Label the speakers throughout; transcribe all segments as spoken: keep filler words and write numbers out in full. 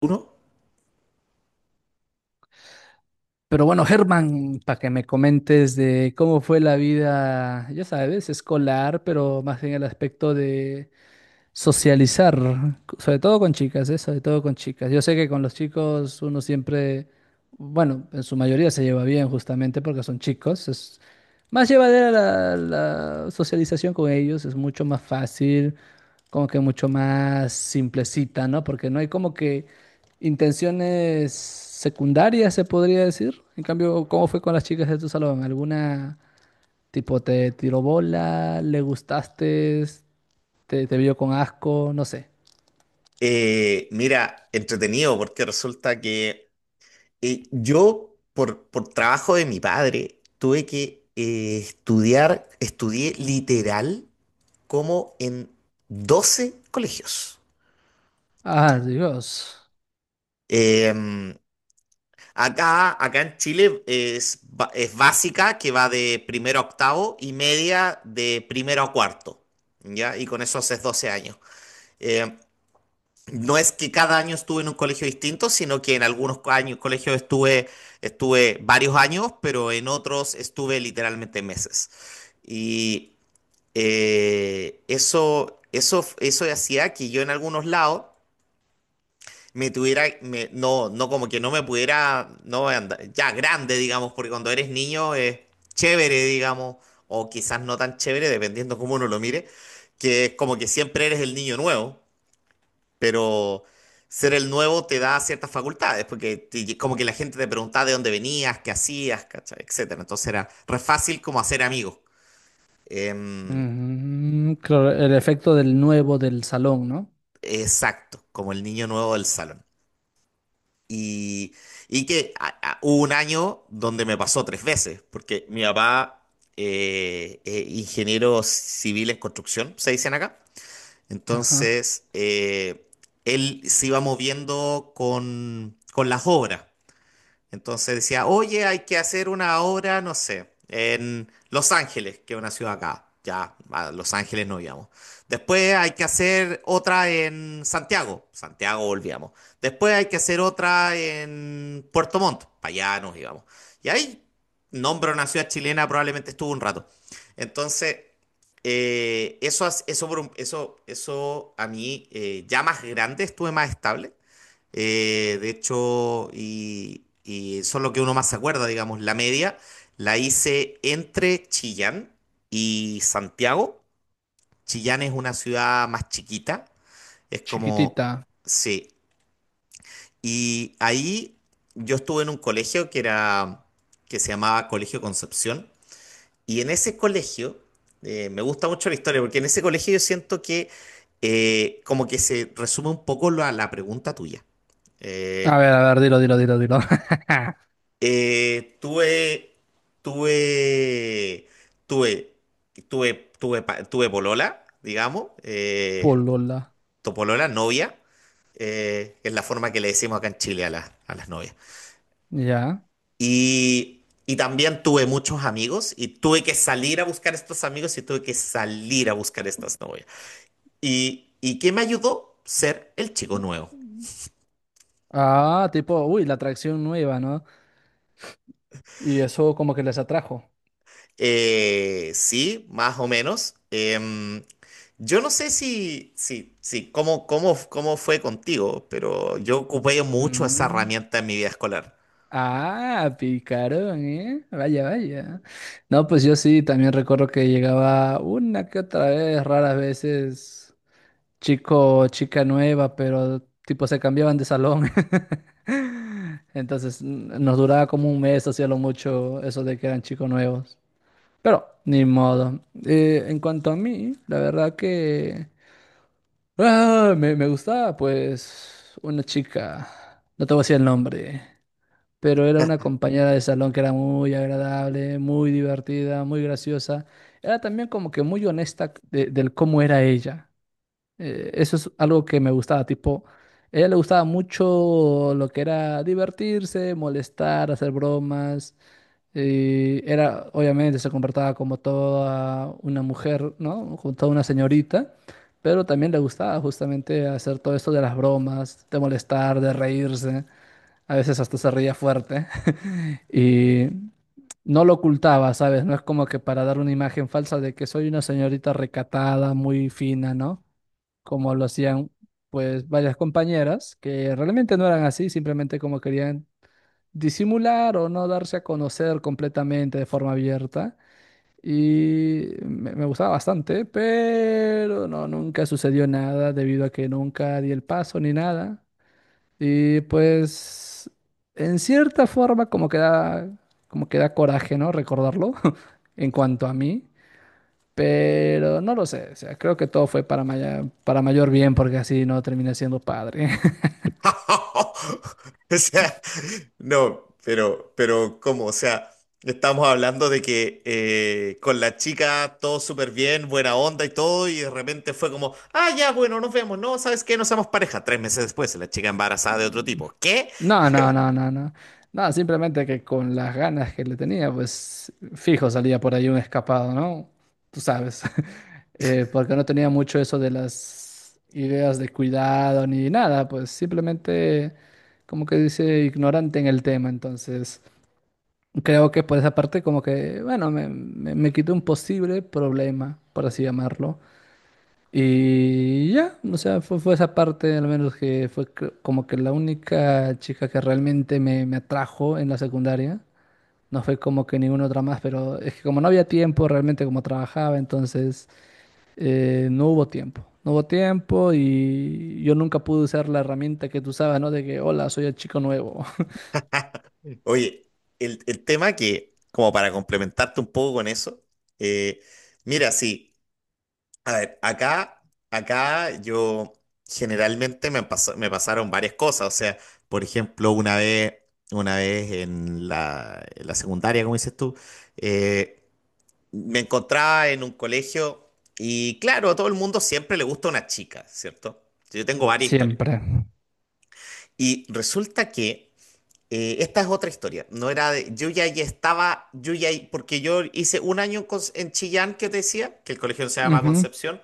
Speaker 1: uno,
Speaker 2: Pero bueno, Germán, para que me comentes de cómo fue la vida, ya sabes, escolar, pero más en el aspecto de socializar, sobre todo con chicas, ¿eh? Sobre todo con chicas. Yo sé que con los chicos uno siempre, bueno, en su mayoría se lleva bien justamente porque son chicos. Es más llevadera la, la socialización con ellos, es mucho más fácil como que mucho más simplecita, ¿no? Porque no hay como que intenciones secundarias, se podría decir. En cambio, ¿cómo fue con las chicas de tu salón? ¿Alguna tipo te tiró bola, le gustaste, te, te vio con asco, no sé?
Speaker 1: eh, mira, entretenido porque resulta que eh, yo, por, por trabajo de mi padre, tuve que eh, estudiar, estudié literal como en doce colegios.
Speaker 2: Ah, Dios.
Speaker 1: Em, acá, acá en Chile es, ba- es básica, que va de primero a octavo, y media de primero a cuarto, ¿ya? Y con eso haces doce años. Eh, No es que cada año estuve en un colegio distinto, sino que en algunos co- años, colegios estuve, estuve varios años, pero en otros estuve literalmente meses. Y eh, eso, eso, eso hacía que yo en algunos lados me tuviera, me- no, no como que no me pudiera, no andar- ya grande, digamos, porque cuando eres niño es chévere, digamos, o quizás no tan chévere, dependiendo cómo uno lo mire, que es como que siempre eres el niño nuevo, pero ser el nuevo te da ciertas facultades, porque te- como que la gente te preguntaba de dónde venías, qué hacías, ¿cachai?, etcétera. Entonces era re fácil como hacer amigos. Em,
Speaker 2: Mm, claro, el efecto del nuevo del salón, ¿no?
Speaker 1: exacto, como el niño nuevo del salón. Y, y que a- a- hubo un año donde me pasó tres veces, porque mi papá eh, es ingeniero civil en construcción, se dicen acá.
Speaker 2: Ajá.
Speaker 1: Entonces, eh, él se iba moviendo con, con las obras. Entonces decía: oye, hay que hacer una obra, no sé, en Los Ángeles, que es una ciudad acá. Ya, a Los Ángeles no íbamos. Después hay que hacer otra en Santiago. Santiago volvíamos. Después hay que hacer otra en Puerto Montt. Para allá nos íbamos. Y ahí, nombro una ciudad chilena, probablemente estuvo un rato. Entonces, eh, eso, as- eso, por un- eso, eso a mí, eh, ya más grande, estuve más estable. Eh, de hecho, y, y son lo que uno más se acuerda, digamos, la media la hice entre Chillán y Santiago. Chillán es una ciudad más chiquita, es como,
Speaker 2: Chiquitita.
Speaker 1: sí. Y ahí yo estuve en un colegio que era, que se llamaba Colegio Concepción, y en ese colegio, eh, me gusta mucho la historia, porque en ese colegio yo siento que eh, como que se resume un poco la, la pregunta tuya.
Speaker 2: A
Speaker 1: Eh,
Speaker 2: ver, a ver, dilo, dilo, dilo, dilo.
Speaker 1: Eh, tuve, tuve, tuve, tuve, tuve, pa- tuve polola, digamos, eh,
Speaker 2: Polola.
Speaker 1: tu polola, novia, eh, que es la forma que le decimos acá en Chile a, las a las novias.
Speaker 2: Ya.
Speaker 1: Y, y también tuve muchos amigos y tuve que salir a buscar estos amigos y tuve que salir a buscar estas novias. ¿Y, y qué me ayudó? Ser el chico nuevo.
Speaker 2: Ah, tipo, uy, la atracción nueva, ¿no? Y eso como que les atrajo.
Speaker 1: Eh, sí, más o menos. Em, yo no sé si, si, si cómo, cómo, cómo fue contigo, pero yo ocupé mucho esa
Speaker 2: Mm.
Speaker 1: herramienta en mi vida escolar.
Speaker 2: Ah, picaron, ¿eh? Vaya, vaya. No, pues yo sí, también recuerdo que llegaba una que otra vez, raras veces, chico o chica nueva, pero tipo se cambiaban de salón. Entonces n- nos duraba como un mes, hacía lo mucho eso de que eran chicos nuevos. Pero, ni modo. Eh, en cuanto a mí, la verdad que... Ah, me, me gustaba, pues, una chica, no te voy a decir el nombre, pero era una compañera de salón que era muy agradable, muy divertida, muy graciosa. Era también como que muy honesta de- del cómo era ella. Eh, eso es algo que me gustaba, tipo, a ella le gustaba mucho lo que era divertirse, molestar, hacer bromas. Eh, era, obviamente, se comportaba como toda una mujer, ¿no? Como toda una señorita, pero también le gustaba justamente hacer todo esto de las bromas, de molestar, de reírse, a veces hasta se reía fuerte y no lo ocultaba, ¿sabes? No es como que para dar una imagen falsa de que soy una señorita recatada, muy fina, ¿no? Como lo hacían, pues, varias compañeras que realmente no eran así, simplemente como querían disimular o no darse a conocer completamente de forma abierta. Y me, me gustaba bastante, pero no, nunca sucedió nada debido a que nunca di el paso ni nada. Y pues, en cierta forma, como que da, como que da coraje, ¿no? Recordarlo en cuanto a mí. Pero no lo sé, o sea, creo que todo fue para, maya- para mayor bien porque así no terminé siendo padre.
Speaker 1: O sea, no, pero, pero ¿cómo? O sea, estamos hablando de que eh, con la chica todo súper bien, buena onda y todo, y de repente fue como, ah, ya, bueno, nos vemos. No, ¿sabes qué? No somos pareja. Tres meses después, la chica embarazada de otro tipo. ¿Qué?
Speaker 2: No, no, no, no, no. No, simplemente que con las ganas que le tenía, pues fijo salía por ahí un escapado, ¿no? Tú sabes. Eh, porque no tenía mucho eso de las ideas de cuidado ni nada, pues simplemente como que dice ignorante en el tema. Entonces, creo que por esa parte como que, bueno, me, me, me quitó un posible problema, por así llamarlo. Y ya, o sea, fue, fue esa parte, al menos que fue cre- como que la única chica que realmente me, me atrajo en la secundaria. No fue como que ninguna otra más, pero es que como no había tiempo, realmente como trabajaba, entonces eh, no hubo tiempo. No hubo tiempo y yo nunca pude usar la herramienta que tú usabas, ¿no? De que, hola, soy el chico nuevo.
Speaker 1: Oye, el, el tema, que, como para complementarte un poco con eso, eh, mira, sí, a ver, acá, acá yo generalmente me pasó- me pasaron varias cosas. O sea, por ejemplo, una vez, una vez en la, en la secundaria, como dices tú, eh, me encontraba en un colegio y claro, a todo el mundo siempre le gusta una chica, ¿cierto? Yo tengo varias historias.
Speaker 2: Siempre.
Speaker 1: Y resulta que eh, esta es otra historia. No era de, yo ya ahí estaba, yo ya, ahí- porque yo hice un año en, Cons- en Chillán, que te decía, que el colegio se llama
Speaker 2: Ujú.
Speaker 1: Concepción,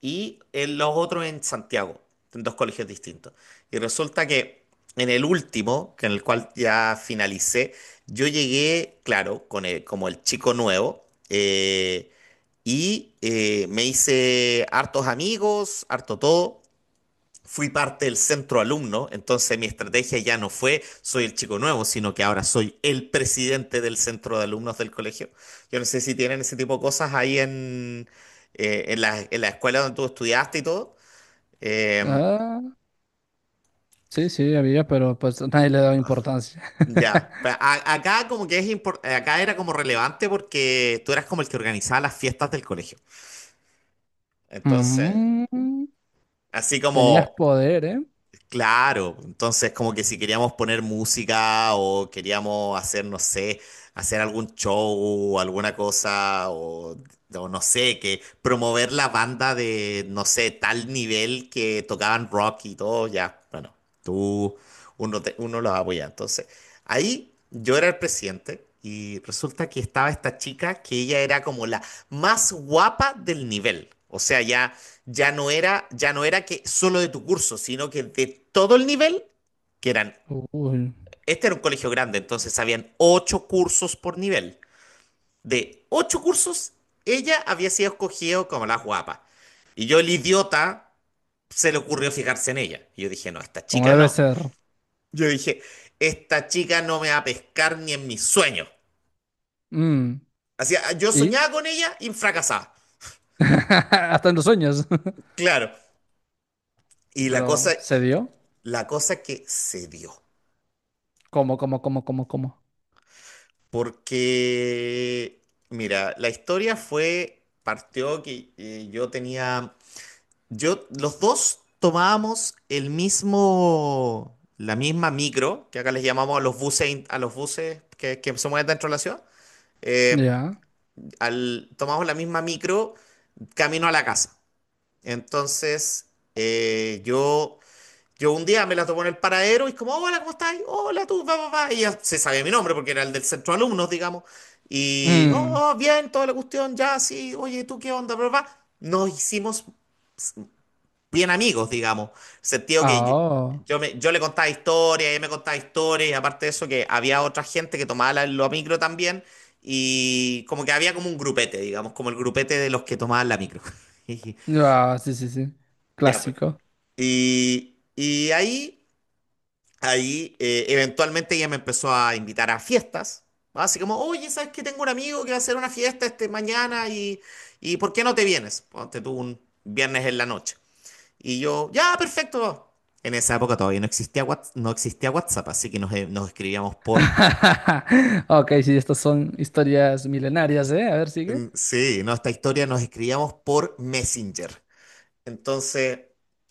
Speaker 1: y en los otros en Santiago, en dos colegios distintos. Y resulta que en el último, que en el cual ya finalicé, yo llegué, claro, con el- como el chico nuevo, eh, y eh, me hice hartos amigos, harto todo, fui parte del centro alumno. Entonces mi estrategia ya no fue soy el chico nuevo, sino que ahora soy el presidente del centro de alumnos del colegio. Yo no sé si tienen ese tipo de cosas ahí en, eh, en la, en la escuela donde tú estudiaste y todo. Eh,
Speaker 2: Ah, sí, sí, había, pero pues nadie le daba importancia.
Speaker 1: ya, Pa- a- acá como que es impor- acá era como relevante porque tú eras como el que organizaba las fiestas del colegio. Entonces,
Speaker 2: Mm,
Speaker 1: así
Speaker 2: tenías
Speaker 1: como,
Speaker 2: poder, ¿eh?
Speaker 1: claro, entonces como que si queríamos poner música o queríamos hacer, no sé, hacer algún show, alguna cosa, o, o no sé, que promover la banda de, no sé, tal nivel que tocaban rock y todo, ya, bueno, tú, uno, te- uno los apoya. Entonces, ahí yo era el presidente y resulta que estaba esta chica que ella era como la más guapa del nivel. O sea, ya ya no era, ya no era que solo de tu curso, sino que de todo el nivel, que eran,
Speaker 2: Uy,
Speaker 1: este era un colegio grande, entonces habían ocho cursos por nivel. De ocho cursos, ella había sido escogida como la guapa. Y yo, el idiota, se le ocurrió fijarse en ella. Y yo dije, no, esta
Speaker 2: como
Speaker 1: chica
Speaker 2: debe
Speaker 1: no.
Speaker 2: ser.
Speaker 1: Yo dije, esta chica no me va a pescar ni en mis sueños.
Speaker 2: Mm,
Speaker 1: Así, yo
Speaker 2: ¿y?
Speaker 1: soñaba con ella y fracasaba.
Speaker 2: Hasta en los sueños.
Speaker 1: Claro.
Speaker 2: ¿Y
Speaker 1: Y la cosa,
Speaker 2: pero se dio?
Speaker 1: la cosa que se dio.
Speaker 2: ¿Cómo, cómo, cómo, cómo, cómo?
Speaker 1: Porque, mira, la historia fue, partió que eh, yo tenía, yo, los dos tomábamos el mismo, la misma micro, que acá les llamamos a los buses, in- a los buses que, que se mueven dentro de la ciudad, eh,
Speaker 2: Ya.
Speaker 1: al, tomamos la misma micro camino a la casa. Entonces, eh, yo yo un día me la topo en el paradero y es como, hola, ¿cómo estás? Hola, tú, va, va, va. Y ella se sabía mi nombre porque era el del centro de alumnos, digamos. Y,
Speaker 2: Mm.
Speaker 1: oh, oh, bien, toda la cuestión, ya, sí, oye, ¿tú qué onda? Bla, bla, bla. Nos hicimos bien amigos, digamos. En el sentido que
Speaker 2: Ah,
Speaker 1: yo,
Speaker 2: oh.
Speaker 1: yo me- yo le contaba historias, ella me contaba historias, y aparte de eso, que había otra gente que tomaba la, la micro también. Y como que había como un grupete, digamos, como el grupete de los que tomaban la micro.
Speaker 2: Ah, sí, sí, sí.
Speaker 1: Ya, pues.
Speaker 2: Clásico.
Speaker 1: Y, y ahí. Ahí eh, eventualmente ella me empezó a invitar a fiestas. ¿No? Así como, oye, ¿sabes que tengo un amigo que va a hacer una fiesta este mañana y, y por qué no te vienes? Ponte tú un viernes en la noche. Y yo, ya, perfecto. En esa época todavía no existía WhatsApp, no existía WhatsApp, así que nos, eh, nos escribíamos por...
Speaker 2: Ok, sí, estas son historias milenarias, ¿eh? A ver, sigue.
Speaker 1: mm, Sí, nuestra historia, nos escribíamos por Messenger. Entonces,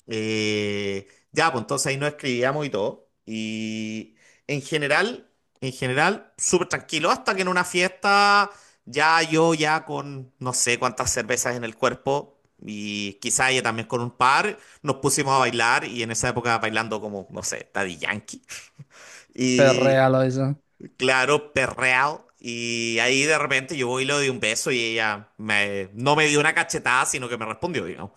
Speaker 1: eh, ya, pues entonces ahí nos escribíamos y todo. Y en general, en general, súper tranquilo, hasta que en una fiesta, ya yo ya con no sé cuántas cervezas en el cuerpo. Y quizá ella también con un par, nos pusimos a bailar y en esa época bailando como, no sé, Daddy Yankee. Y
Speaker 2: Perréalo eso.
Speaker 1: claro, perreado. Y ahí de repente yo voy y le doy un beso y ella me, no me dio una cachetada, sino que me respondió, digamos.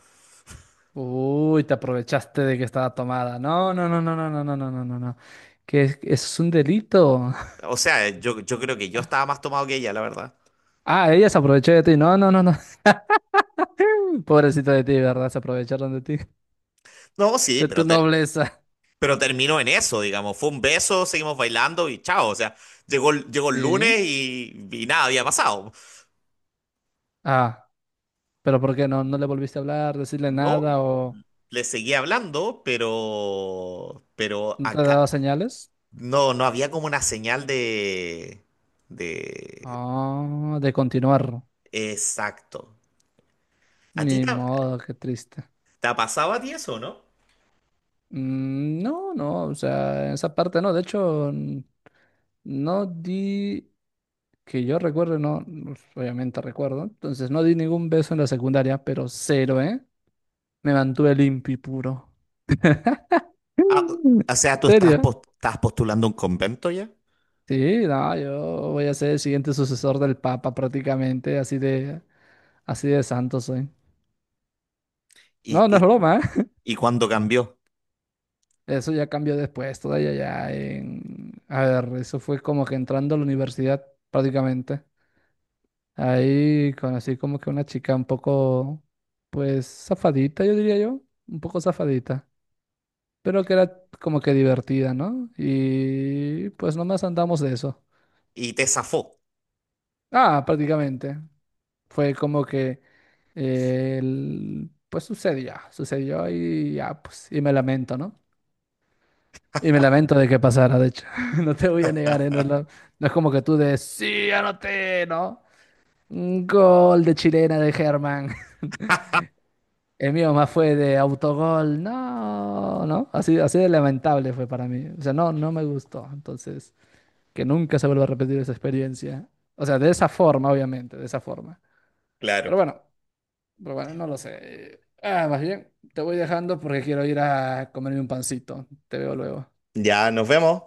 Speaker 2: Uy, te aprovechaste de que estaba tomada. No, no, no, no, no, no, no, no, no, no, no. Que es- eso es un delito.
Speaker 1: O sea, yo, yo creo que yo estaba más tomado que ella, la verdad.
Speaker 2: Ah, ella se aprovechó de ti. No, no, no, no. Pobrecito de ti, ¿verdad? Se aprovecharon de ti,
Speaker 1: No, sí,
Speaker 2: de tu
Speaker 1: pero, te-
Speaker 2: nobleza.
Speaker 1: pero terminó en eso, digamos. Fue un beso, seguimos bailando y chao. O sea, llegó, el- llegó el
Speaker 2: ¿Y?
Speaker 1: lunes y, y nada había pasado.
Speaker 2: Ah, pero ¿por qué no? ¿No le volviste a hablar, decirle
Speaker 1: No,
Speaker 2: nada o
Speaker 1: le seguí hablando, pero, pero
Speaker 2: no te
Speaker 1: acá
Speaker 2: daba señales?
Speaker 1: no, no había como una señal de, de...
Speaker 2: Ah, de continuar.
Speaker 1: Exacto. ¿A ti
Speaker 2: Ni
Speaker 1: te, ha-
Speaker 2: modo, qué triste.
Speaker 1: te ha pasado a ti eso, no?
Speaker 2: Mm, no, no, o sea, en esa parte no. De hecho, n- no di, que yo recuerdo, no, pues, obviamente recuerdo. Entonces no di ningún beso en la secundaria, pero cero, ¿eh? Me mantuve limpio y puro.
Speaker 1: Ah,
Speaker 2: ¿En
Speaker 1: o sea, tú estás,
Speaker 2: serio?
Speaker 1: pos- estás postulando un convento ya
Speaker 2: Sí, no, yo voy a ser el siguiente sucesor del Papa prácticamente, así de, así de santo soy.
Speaker 1: y,
Speaker 2: No, no es
Speaker 1: y
Speaker 2: broma, ¿eh?
Speaker 1: y cuando cambió
Speaker 2: Eso ya cambió después, todavía ya en... A ver, eso fue como que entrando a la universidad prácticamente. Ahí conocí como que una chica un poco, pues, zafadita, yo diría yo, un poco zafadita, pero que era como que divertida, ¿no? Y pues nomás andamos de eso.
Speaker 1: y te zafó.
Speaker 2: Ah, prácticamente. Fue como que, eh, el- pues sucedió, sucedió y ya, pues, y me lamento, ¿no? Y me lamento de que pasara, de hecho. No te voy a negar, ¿eh? No es, lo- no es como que tú de, sí, anoté, ¿no? Un gol de chilena de Germán. El mío más fue de autogol, no, ¿no? Así, así de lamentable fue para mí. O sea, no, no me gustó. Entonces, que nunca se vuelva a repetir esa experiencia. O sea, de esa forma, obviamente, de esa forma.
Speaker 1: Claro.
Speaker 2: Pero bueno. Pero bueno, no lo sé. Ah, más bien, te voy dejando porque quiero ir a comerme un pancito. Te veo luego.
Speaker 1: Ya nos vemos.